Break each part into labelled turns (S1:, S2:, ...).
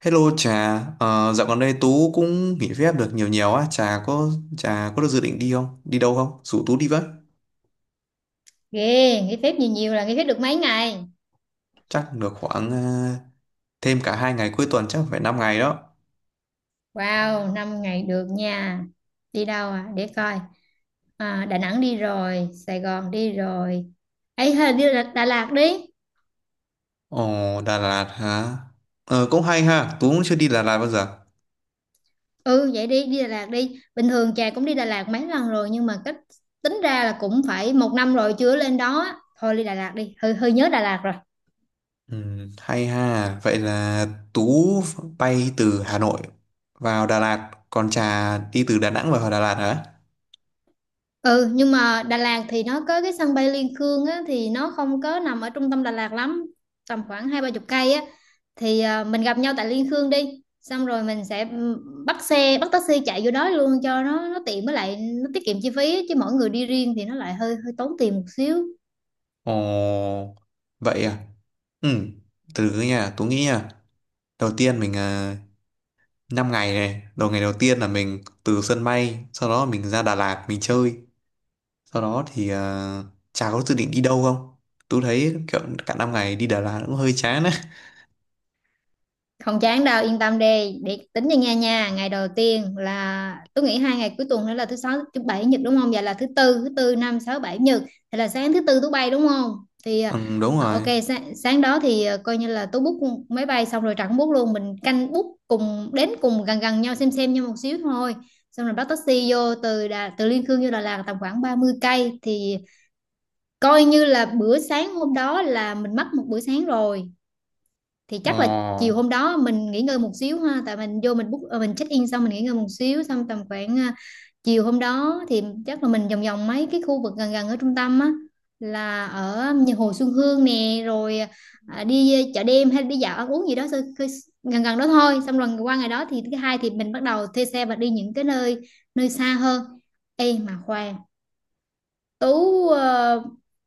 S1: Hello Trà, dạo gần đây Tú cũng nghỉ phép được nhiều nhiều á, Trà có được dự định đi không? Đi đâu không? Rủ Tú đi với.
S2: Ghê, nghỉ phép nhiều nhiều là nghỉ phép được mấy ngày?
S1: Chắc được khoảng thêm cả 2 ngày cuối tuần chắc phải 5 ngày đó.
S2: Wow, 5 ngày được nha. Đi đâu à, để coi. Đà Nẵng đi rồi, Sài Gòn đi rồi. Ấy, hay đi Đà Lạt đi.
S1: Ồ, Đà Lạt hả? Ờ, cũng hay ha, Tú cũng chưa đi Đà Lạt bao giờ.
S2: Ừ, vậy đi, đi Đà Lạt đi. Bình thường Trà cũng đi Đà Lạt mấy lần rồi nhưng mà cách, tính ra là cũng phải một năm rồi chưa lên đó. Thôi đi Đà Lạt đi, hơi hơi nhớ Đà Lạt rồi.
S1: Ừ, hay ha, vậy là Tú bay từ Hà Nội vào Đà Lạt, còn Trà đi từ Đà Nẵng vào Đà Lạt hả?
S2: Ừ, nhưng mà Đà Lạt thì nó có cái sân bay Liên Khương á, thì nó không có nằm ở trung tâm Đà Lạt lắm. Tầm khoảng hai ba chục cây á, thì mình gặp nhau tại Liên Khương, đi xong rồi mình sẽ bắt xe, bắt taxi chạy vô đó luôn cho nó tiện. Với lại nó tiết kiệm chi phí á, chứ mỗi người đi riêng thì nó lại hơi hơi tốn tiền một xíu.
S1: Ồ, vậy à? Ừ, từ từ nha, Tú nghĩ nha. Đầu tiên 5 ngày này ngày đầu tiên là mình từ sân bay, sau đó mình ra Đà Lạt mình chơi. Sau đó thì chả có dự định đi đâu không, tôi thấy kiểu cả 5 ngày đi Đà Lạt cũng hơi chán á.
S2: Không chán đâu, yên tâm đi, để tính cho nha nha. Ngày đầu tiên, là tôi nghĩ hai ngày cuối tuần nữa là thứ sáu, thứ bảy, nhật đúng không, vậy là thứ tư, thứ tư năm sáu bảy nhật. Thì là sáng thứ tư tôi bay đúng không, thì
S1: Ừ, đúng
S2: ok,
S1: rồi.
S2: sáng đó thì coi như là tôi book máy bay, xong rồi Trà cũng book luôn, mình canh book cùng đến, cùng gần gần nhau, xem nhau một xíu thôi. Xong rồi bắt taxi vô từ từ Liên Khương vô Đà Lạt tầm khoảng 30 cây. Thì coi như là bữa sáng hôm đó là mình mất một bữa sáng rồi. Thì chắc là
S1: ờ,
S2: chiều hôm đó mình nghỉ ngơi một xíu ha, tại mình vô mình book mình check in xong mình nghỉ ngơi một xíu, xong tầm khoảng chiều hôm đó thì chắc là mình vòng vòng mấy cái khu vực gần gần ở trung tâm á, là ở nhà Hồ Xuân Hương nè, rồi đi chợ đêm hay đi dạo ăn uống gì đó, gần gần đó thôi. Xong rồi qua ngày đó thì thứ hai thì mình bắt đầu thuê xe và đi những cái nơi nơi xa hơn. Ê mà khoan, Tú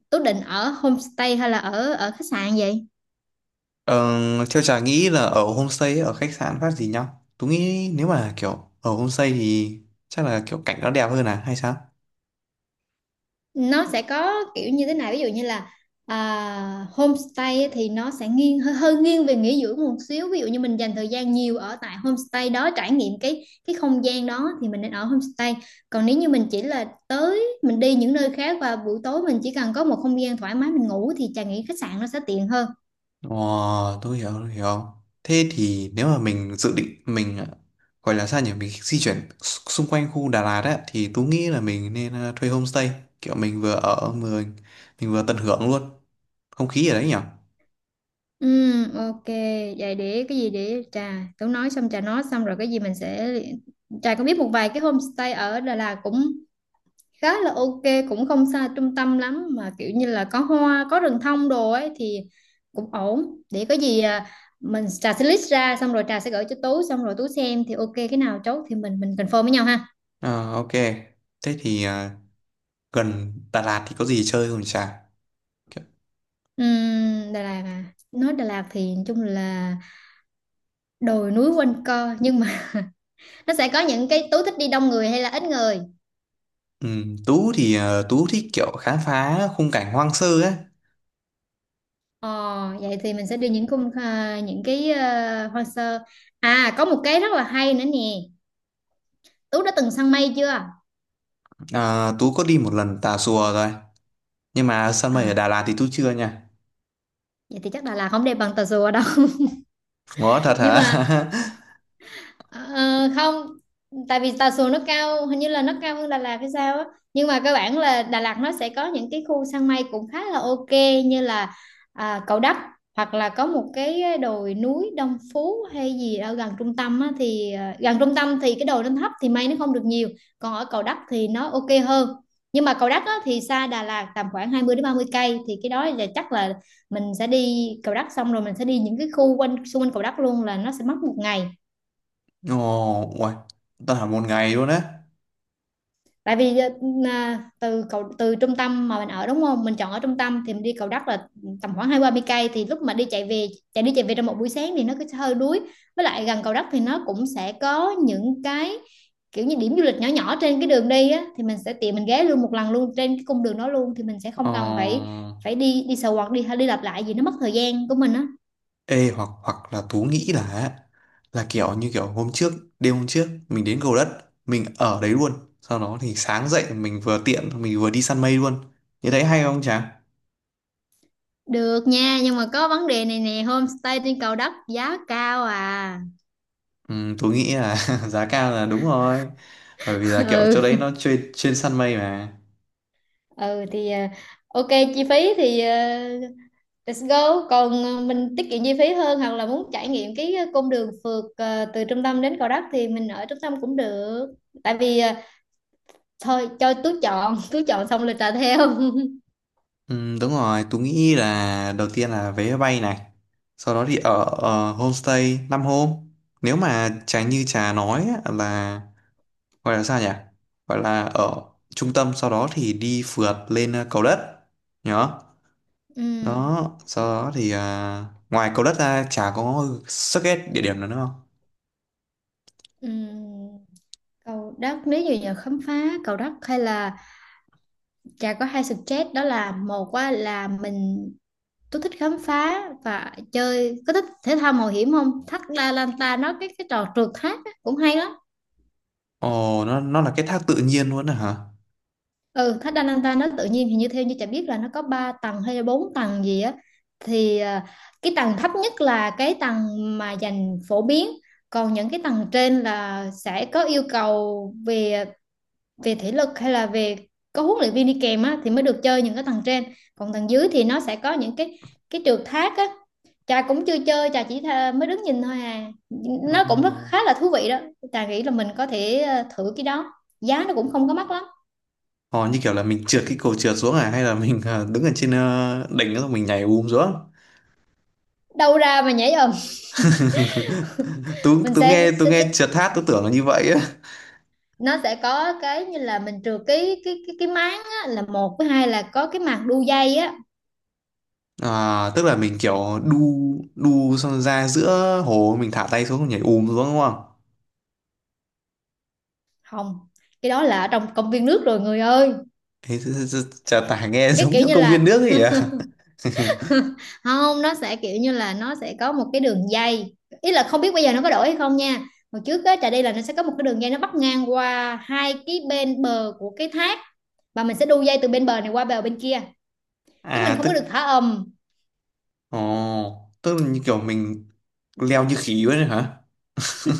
S2: Tú định ở homestay hay là ở ở khách sạn vậy?
S1: ờ, Theo chả nghĩ là ở homestay ở khách sạn phát gì nhau, tôi nghĩ nếu mà kiểu ở homestay thì chắc là kiểu cảnh nó đẹp hơn à hay sao.
S2: Nó sẽ có kiểu như thế này, ví dụ như là homestay á thì nó sẽ nghiêng hơi nghiêng về nghỉ dưỡng một xíu. Ví dụ như mình dành thời gian nhiều ở tại homestay đó, trải nghiệm cái không gian đó, thì mình nên ở homestay. Còn nếu như mình chỉ là tới mình đi những nơi khác và buổi tối mình chỉ cần có một không gian thoải mái mình ngủ, thì Trà nghĩ khách sạn nó sẽ tiện hơn.
S1: Ồ, tôi hiểu, tôi hiểu. Thế thì nếu mà mình dự định gọi là sao nhỉ, mình di chuyển xung quanh khu Đà Lạt á thì tôi nghĩ là mình nên thuê homestay, kiểu mình vừa ở vừa mình vừa tận hưởng luôn không khí ở đấy nhỉ?
S2: Ừ, ok, vậy để cái gì, để Trà tớ nói xong, Trà nói xong rồi cái gì mình sẽ. Trà có biết một vài cái homestay ở Đà Lạt cũng khá là ok, cũng không xa trung tâm lắm mà kiểu như là có hoa có rừng thông đồ ấy, thì cũng ổn. Để có gì Trà sẽ list ra, xong rồi Trà sẽ gửi cho Tú, xong rồi Tú xem, thì ok cái nào chốt thì mình confirm với nhau ha.
S1: Ờ, ok. Thế thì gần Đà Lạt thì có gì chơi không chả? Kiểu-
S2: Đà Lạt à, nói Đà Lạt thì nói chung là đồi núi quanh co, nhưng mà nó sẽ có những cái, Tú thích đi đông người hay là ít người?
S1: Ừ, Tú thì Tú thích kiểu khám phá khung cảnh hoang sơ ấy.
S2: Ờ, vậy thì mình sẽ đi những những cái hoang sơ. À, có một cái rất là hay nữa nè, Tú đã từng săn mây chưa?
S1: À, Tú có đi một lần Tà Xùa rồi. Nhưng mà săn mây ở
S2: À,
S1: Đà Lạt thì Tú chưa nha.
S2: vậy thì chắc Đà Lạt không đẹp bằng Tà Rùa đâu.
S1: Ngó thật
S2: Nhưng
S1: hả?
S2: mà Ờ, không, tại vì Tà Xùa nó cao, hình như là nó cao hơn Đà Lạt hay sao á. Nhưng mà cơ bản là Đà Lạt nó sẽ có những cái khu săn mây cũng khá là ok, như là Cầu Đất, hoặc là có một cái đồi núi Đông Phú hay gì ở gần trung tâm á. Thì gần trung tâm thì cái đồi nó thấp thì mây nó không được nhiều, còn ở Cầu Đất thì nó ok hơn. Nhưng mà Cầu Đất á, thì xa Đà Lạt tầm khoảng 20 đến 30 cây, thì cái đó là chắc là mình sẽ đi Cầu Đất, xong rồi mình sẽ đi những cái khu quanh xung quanh Cầu Đất luôn, là nó sẽ mất một ngày.
S1: Ồ, uầy, ta là một ngày luôn á.
S2: Tại vì từ từ trung tâm mà mình ở đúng không, mình chọn ở trung tâm thì mình đi Cầu Đất là tầm khoảng hai ba mươi cây, thì lúc mà đi chạy về, chạy đi chạy về trong một buổi sáng thì nó cứ hơi đuối. Với lại gần Cầu Đất thì nó cũng sẽ có những cái kiểu như điểm du lịch nhỏ nhỏ trên cái đường đi á, thì mình sẽ tiện mình ghé luôn một lần luôn trên cái cung đường đó luôn, thì mình sẽ
S1: Ờ,
S2: không cần phải phải đi đi sờ quạt, đi đi lặp lại gì, nó mất thời gian của mình á.
S1: ê hoặc hoặc là Tú nghĩ là kiểu như kiểu hôm trước, đêm hôm trước mình đến Cầu Đất, mình ở đấy luôn. Sau đó thì sáng dậy mình vừa tiện mình vừa đi săn mây luôn. Như đấy hay không chàng?
S2: Được nha, nhưng mà có vấn đề này nè, homestay trên Cầu Đất giá cao à.
S1: Ừ, Tú nghĩ là giá cao là đúng rồi. Bởi vì là kiểu
S2: ừ
S1: chỗ đấy nó chuyên chuyên săn mây mà.
S2: ừ thì ok, chi phí thì let's go. Còn mình tiết kiệm chi phí hơn, hoặc là muốn trải nghiệm cái cung đường phượt từ trung tâm đến Gò Đất thì mình ở trung tâm cũng được. Tại vì thôi cho Tú chọn, Tú chọn xong là trả theo.
S1: Ừ, đúng rồi, Tú nghĩ là đầu tiên là vé máy bay này, sau đó thì ở homestay 5 hôm. Nếu mà Trà như Trà nói á, là gọi là sao nhỉ? Gọi là ở trung tâm, sau đó thì đi phượt lên cầu đất. Nhớ.
S2: ừ,
S1: Đó, sau đó thì ngoài cầu đất ra Trà có suggest địa điểm nào nữa không?
S2: ừ. Cầu Đất nếu như giờ khám phá Cầu Đất, hay là Trà có hai suggest. Đó là một á, là mình, Tú thích khám phá và chơi, có thích thể thao mạo hiểm không? Thác La Lanta, nó cái trò trượt thác á, cũng hay lắm.
S1: Ồ, nó là cái thác tự nhiên luôn à hả?
S2: Ừ, thách Ananta nó tự nhiên, thì như theo như chả biết là nó có 3 tầng hay là 4 tầng gì á. Thì cái tầng thấp nhất là cái tầng mà dành phổ biến, còn những cái tầng trên là sẽ có yêu cầu về về thể lực, hay là về có huấn luyện viên đi kèm á, thì mới được chơi những cái tầng trên. Còn tầng dưới thì nó sẽ có những cái trượt thác á. Trà cũng chưa chơi, Trà chỉ mới đứng nhìn thôi à, nó cũng rất
S1: Ồ.
S2: khá là thú vị đó. Trà nghĩ là mình có thể thử cái đó, giá nó cũng không có mắc lắm.
S1: Ồ, như kiểu là mình trượt cái cầu trượt xuống à hay là mình đứng ở trên đỉnh đó rồi mình nhảy bùm xuống?
S2: Đâu ra mà nhảy ầm.
S1: tú
S2: mình sẽ,
S1: tú
S2: sẽ, sẽ,
S1: nghe trượt hát tú tưởng là như vậy á.
S2: nó sẽ có cái như là mình trừ cái máng á, là một với hai là có cái màng đu dây á.
S1: À, tức là mình kiểu đu đu xong ra giữa hồ mình thả tay xuống nhảy ùm xuống đúng không?
S2: Không, cái đó là ở trong công viên nước rồi người ơi.
S1: Chả tả nghe
S2: Cái
S1: giống
S2: kiểu
S1: trong
S2: như
S1: công viên
S2: là,
S1: nước ấy à.
S2: không, nó sẽ kiểu như là nó sẽ có một cái đường dây. Ý là không biết bây giờ nó có đổi hay không nha, hồi trước á Trà đi là nó sẽ có một cái đường dây, nó bắc ngang qua hai cái bên bờ của cái thác, và mình sẽ đu dây từ bên bờ này qua bờ bên kia, chứ mình
S1: à
S2: không
S1: tức
S2: có được thả ầm.
S1: Ồ, tức là như kiểu mình leo như khỉ vậy hả?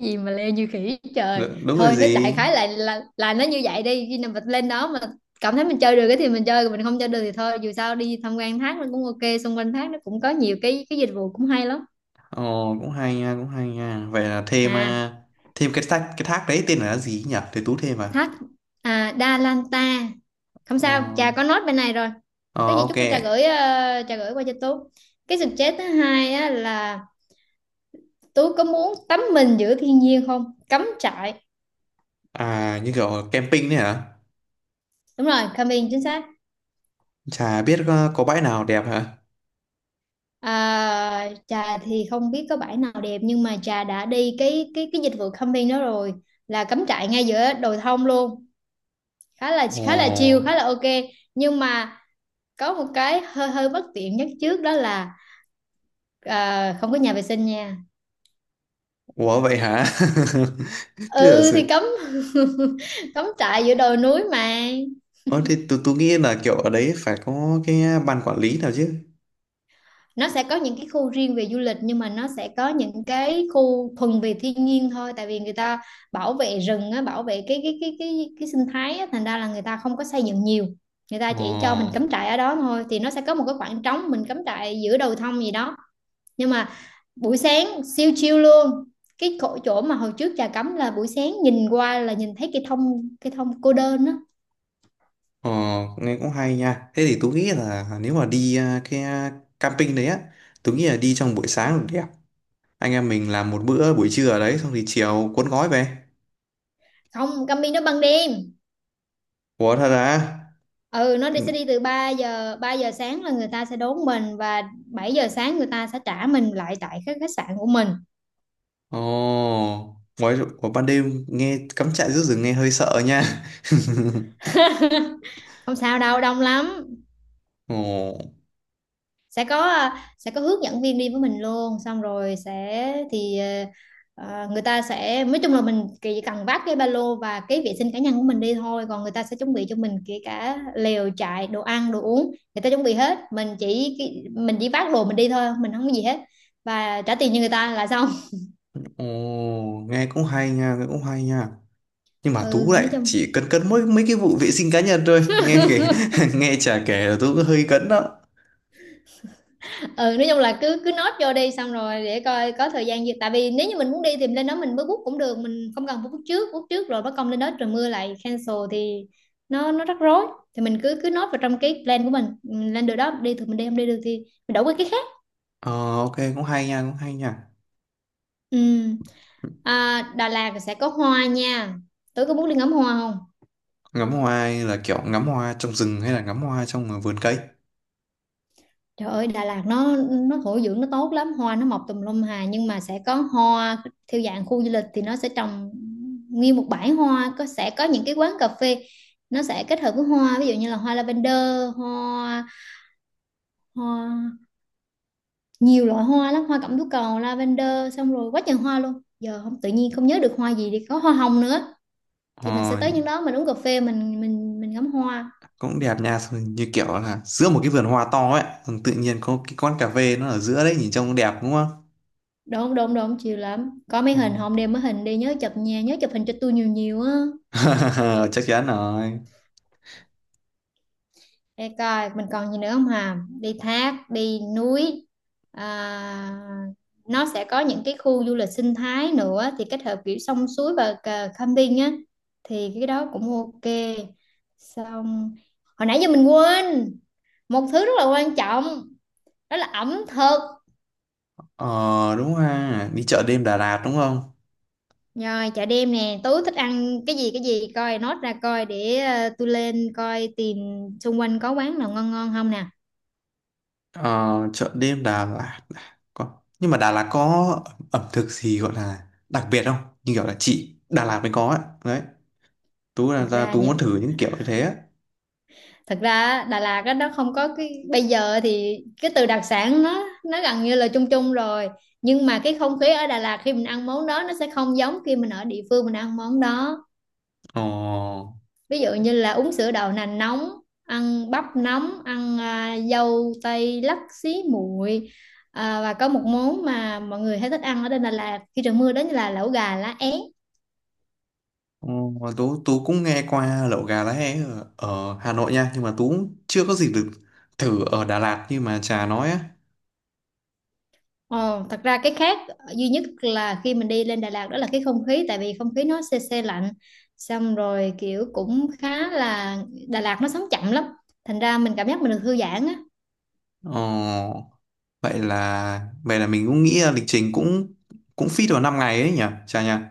S2: Cái gì mà leo như khỉ trời,
S1: Đúng rồi
S2: thôi nó đại
S1: gì.
S2: khái là nó như vậy đi, khi nào mình lên đó mà cảm thấy mình chơi được cái thì mình chơi, còn mình không chơi được thì thôi, dù sao đi tham quan thác nó cũng ok, xung quanh thác nó cũng có nhiều cái dịch vụ cũng hay lắm.
S1: Ồ, cũng hay nha, cũng hay nha, vậy là thêm
S2: À,
S1: thêm cái thác đấy tên là gì nhỉ để tú thêm
S2: thác Đa Lan Ta, không
S1: ờ
S2: sao Trà có note bên này rồi.
S1: ờ
S2: Có gì
S1: ok.
S2: chút nữa Trà gửi, Trà gửi qua cho Tú. Cái suggest thứ hai á, là Tú có muốn tắm mình giữa thiên nhiên không, cắm trại?
S1: À như kiểu camping đấy hả?
S2: Đúng rồi, camping chính xác.
S1: Chả biết có bãi nào đẹp hả?
S2: À, Trà thì không biết có bãi nào đẹp, nhưng mà Trà đã đi cái dịch vụ camping đó rồi, là cắm trại ngay giữa đồi thông luôn,
S1: Ồ,
S2: khá là chill, khá là ok. Nhưng mà có một cái hơi hơi bất tiện nhất trước đó là không có nhà vệ sinh nha.
S1: ủa vậy hả? Thế giả
S2: Ừ thì
S1: sử.
S2: cắm trại giữa đồi núi mà.
S1: Ờ thì tôi nghĩ là kiểu ở đấy phải có cái ban quản lý nào chứ.
S2: Nó sẽ có những cái khu riêng về du lịch, nhưng mà nó sẽ có những cái khu thuần về thiên nhiên thôi. Tại vì người ta bảo vệ rừng á, bảo vệ cái sinh thái á, thành ra là người ta không có xây dựng nhiều, người ta
S1: Ồ,
S2: chỉ cho mình cắm trại ở đó thôi. Thì nó sẽ có một cái khoảng trống mình cắm trại giữa đồi thông gì đó, nhưng mà buổi sáng siêu chill luôn. Cái chỗ chỗ mà hồi trước trà cắm là buổi sáng nhìn qua là nhìn thấy cây thông cô đơn á.
S1: ồ nghe cũng hay nha. Thế thì tôi nghĩ là nếu mà đi cái camping đấy á, tôi nghĩ là đi trong buổi sáng là đẹp. Anh em mình làm một bữa buổi trưa ở đấy xong thì chiều cuốn gói về.
S2: Không, Cami nó ban đêm.
S1: Ủa thật
S2: Ừ, nó đi sẽ
S1: à?
S2: đi từ ba giờ sáng là người ta sẽ đón mình, và 7 giờ sáng người ta sẽ trả mình lại tại khách khách sạn của mình.
S1: Ồ, ngoài, vào ban đêm nghe cắm trại giữa rừng nghe hơi sợ nha.
S2: Không sao đâu, đông lắm.
S1: Ồ,
S2: Sẽ có hướng dẫn viên đi với mình luôn, xong rồi sẽ thì người ta sẽ, nói chung là mình chỉ cần vác cái ba lô và cái vệ sinh cá nhân của mình đi thôi, còn người ta sẽ chuẩn bị cho mình kể cả lều trại, đồ ăn, đồ uống. Người ta chuẩn bị hết, mình chỉ vác đồ mình đi thôi, mình không có gì hết, và trả tiền cho người ta là xong.
S1: ồ, nghe cũng hay nha, nghe cũng hay nha. Nhưng mà Tú
S2: ừ
S1: lại
S2: nói chung
S1: chỉ cấn cấn mỗi mấy cái vụ vệ sinh cá nhân thôi. Nghe kể, nghe chả kể là Tú cũng hơi cấn đó.
S2: ừ nói chung là cứ cứ nốt vô đi, xong rồi để coi có thời gian gì, tại vì nếu như mình muốn đi thì lên đó mình mới book cũng được, mình không cần phải book trước rồi bắt công lên đó trời mưa lại cancel thì nó rắc rối. Thì mình cứ cứ nốt vào trong cái plan của mình. Ừ, lên được đó đi thì mình đi, không đi được thì mình đổi qua cái khác.
S1: Ờ, ok, cũng hay nha, cũng hay nha.
S2: Ừ. Đà Lạt sẽ có hoa nha, tối có muốn đi ngắm hoa không?
S1: Ngắm hoa là kiểu ngắm hoa trong rừng hay là ngắm hoa trong vườn cây.
S2: Trời ơi, Đà Lạt nó thổ dưỡng nó tốt lắm, hoa nó mọc tùm lum hà, nhưng mà sẽ có hoa theo dạng khu du lịch thì nó sẽ trồng nguyên một bãi hoa, có sẽ có những cái quán cà phê nó sẽ kết hợp với hoa, ví dụ như là hoa lavender, hoa hoa nhiều loại hoa lắm, hoa cẩm tú cầu, lavender, xong rồi quá trời hoa luôn. Giờ không tự nhiên không nhớ được hoa gì, thì có hoa hồng nữa. Thì mình sẽ
S1: Ờ,
S2: tới những đó mình uống cà phê, mình ngắm hoa.
S1: cũng đẹp nha. Xong như kiểu là giữa một cái vườn hoa to ấy, xong tự nhiên có cái quán cà phê nó ở giữa đấy, nhìn trông cũng đẹp đúng không?
S2: Độn độn độn chiều lắm. Có mấy
S1: Ồ.
S2: hình hôm đem mấy hình đi nhớ chụp nha, nhớ chụp hình cho tôi nhiều nhiều á.
S1: chắc chắn rồi.
S2: Để coi mình còn gì nữa không hà, đi thác đi núi, à, nó sẽ có những cái khu du lịch sinh thái nữa thì kết hợp kiểu sông suối và cờ- camping á, thì cái đó cũng ok. Xong, hồi nãy giờ mình quên một thứ rất là quan trọng, đó là ẩm thực.
S1: Ờ đúng ha, đi chợ đêm Đà Lạt đúng không?
S2: Rồi, chợ đêm nè, tối thích ăn cái gì coi nốt ra coi để tôi lên coi tìm xung quanh có quán nào ngon ngon không nè.
S1: Ờ chợ đêm Đà Lạt có, nhưng mà Đà Lạt có ẩm thực gì gọi là đặc biệt không? Như kiểu là chị Đà Lạt mới có ấy. Đấy Tú là
S2: thật
S1: ra
S2: ra
S1: Tú muốn
S2: những
S1: thử những kiểu như thế á.
S2: thật ra á, Đà Lạt á, nó không có cái bây giờ thì cái từ đặc sản nó gần như là chung chung rồi, nhưng mà cái không khí ở Đà Lạt khi mình ăn món đó nó sẽ không giống khi mình ở địa phương mình ăn món đó.
S1: ờ
S2: Ví dụ như là uống sữa đậu nành nóng, ăn bắp nóng, ăn dâu tây lắc xí muội, và có một món mà mọi người hay thích ăn ở trên Đà Lạt khi trời mưa, đó là lẩu gà lá é.
S1: ờ, Tú Tú cũng nghe qua lẩu gà lá é ở Hà Nội nha, nhưng mà Tú cũng chưa có dịp được thử ở Đà Lạt như mà Trà nói á.
S2: Ồ, thật ra cái khác duy nhất là khi mình đi lên Đà Lạt đó là cái không khí, tại vì không khí nó se se lạnh, xong rồi kiểu cũng khá là, Đà Lạt nó sống chậm lắm, thành ra mình cảm giác mình được thư giãn á.
S1: Ờ, vậy là mình cũng nghĩ là lịch trình cũng cũng fit vào 5 ngày ấy nhỉ, chà nhỉ.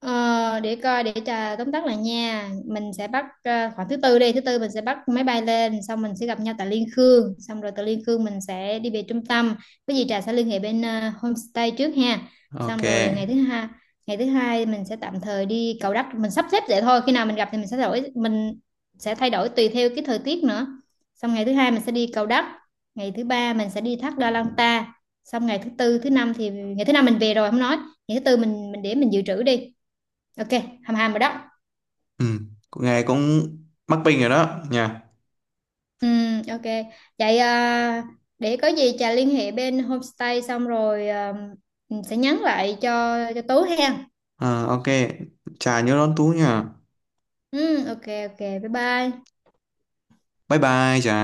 S2: Ờ, để coi để trà tóm tắt lại nha, mình sẽ bắt khoảng thứ tư mình sẽ bắt máy bay lên, xong mình sẽ gặp nhau tại Liên Khương, xong rồi từ Liên Khương mình sẽ đi về trung tâm. Cái gì trà sẽ liên hệ bên homestay trước ha.
S1: Ok.
S2: Xong rồi ngày thứ hai mình sẽ tạm thời đi Cầu Đất, mình sắp xếp vậy thôi, khi nào mình gặp thì mình sẽ thay đổi, mình sẽ thay đổi tùy theo cái thời tiết nữa. Xong ngày thứ hai mình sẽ đi Cầu Đất, ngày thứ ba mình sẽ đi thác Đa Lan Ta, xong ngày thứ tư thứ năm, thì ngày thứ năm mình về rồi không nói, ngày thứ tư mình để mình dự trữ đi. Ok, hầm hầm rồi đó.
S1: Ừ, cũng nghe cũng mắc bình rồi đó nhỉ.
S2: Ok. Vậy để có gì Trà liên hệ bên homestay xong rồi sẽ nhắn lại cho Tú hen.
S1: Ờ, ok. Chà nhớ đón Tú nhỉ.
S2: Ok ok. Bye bye.
S1: Bye bye chà.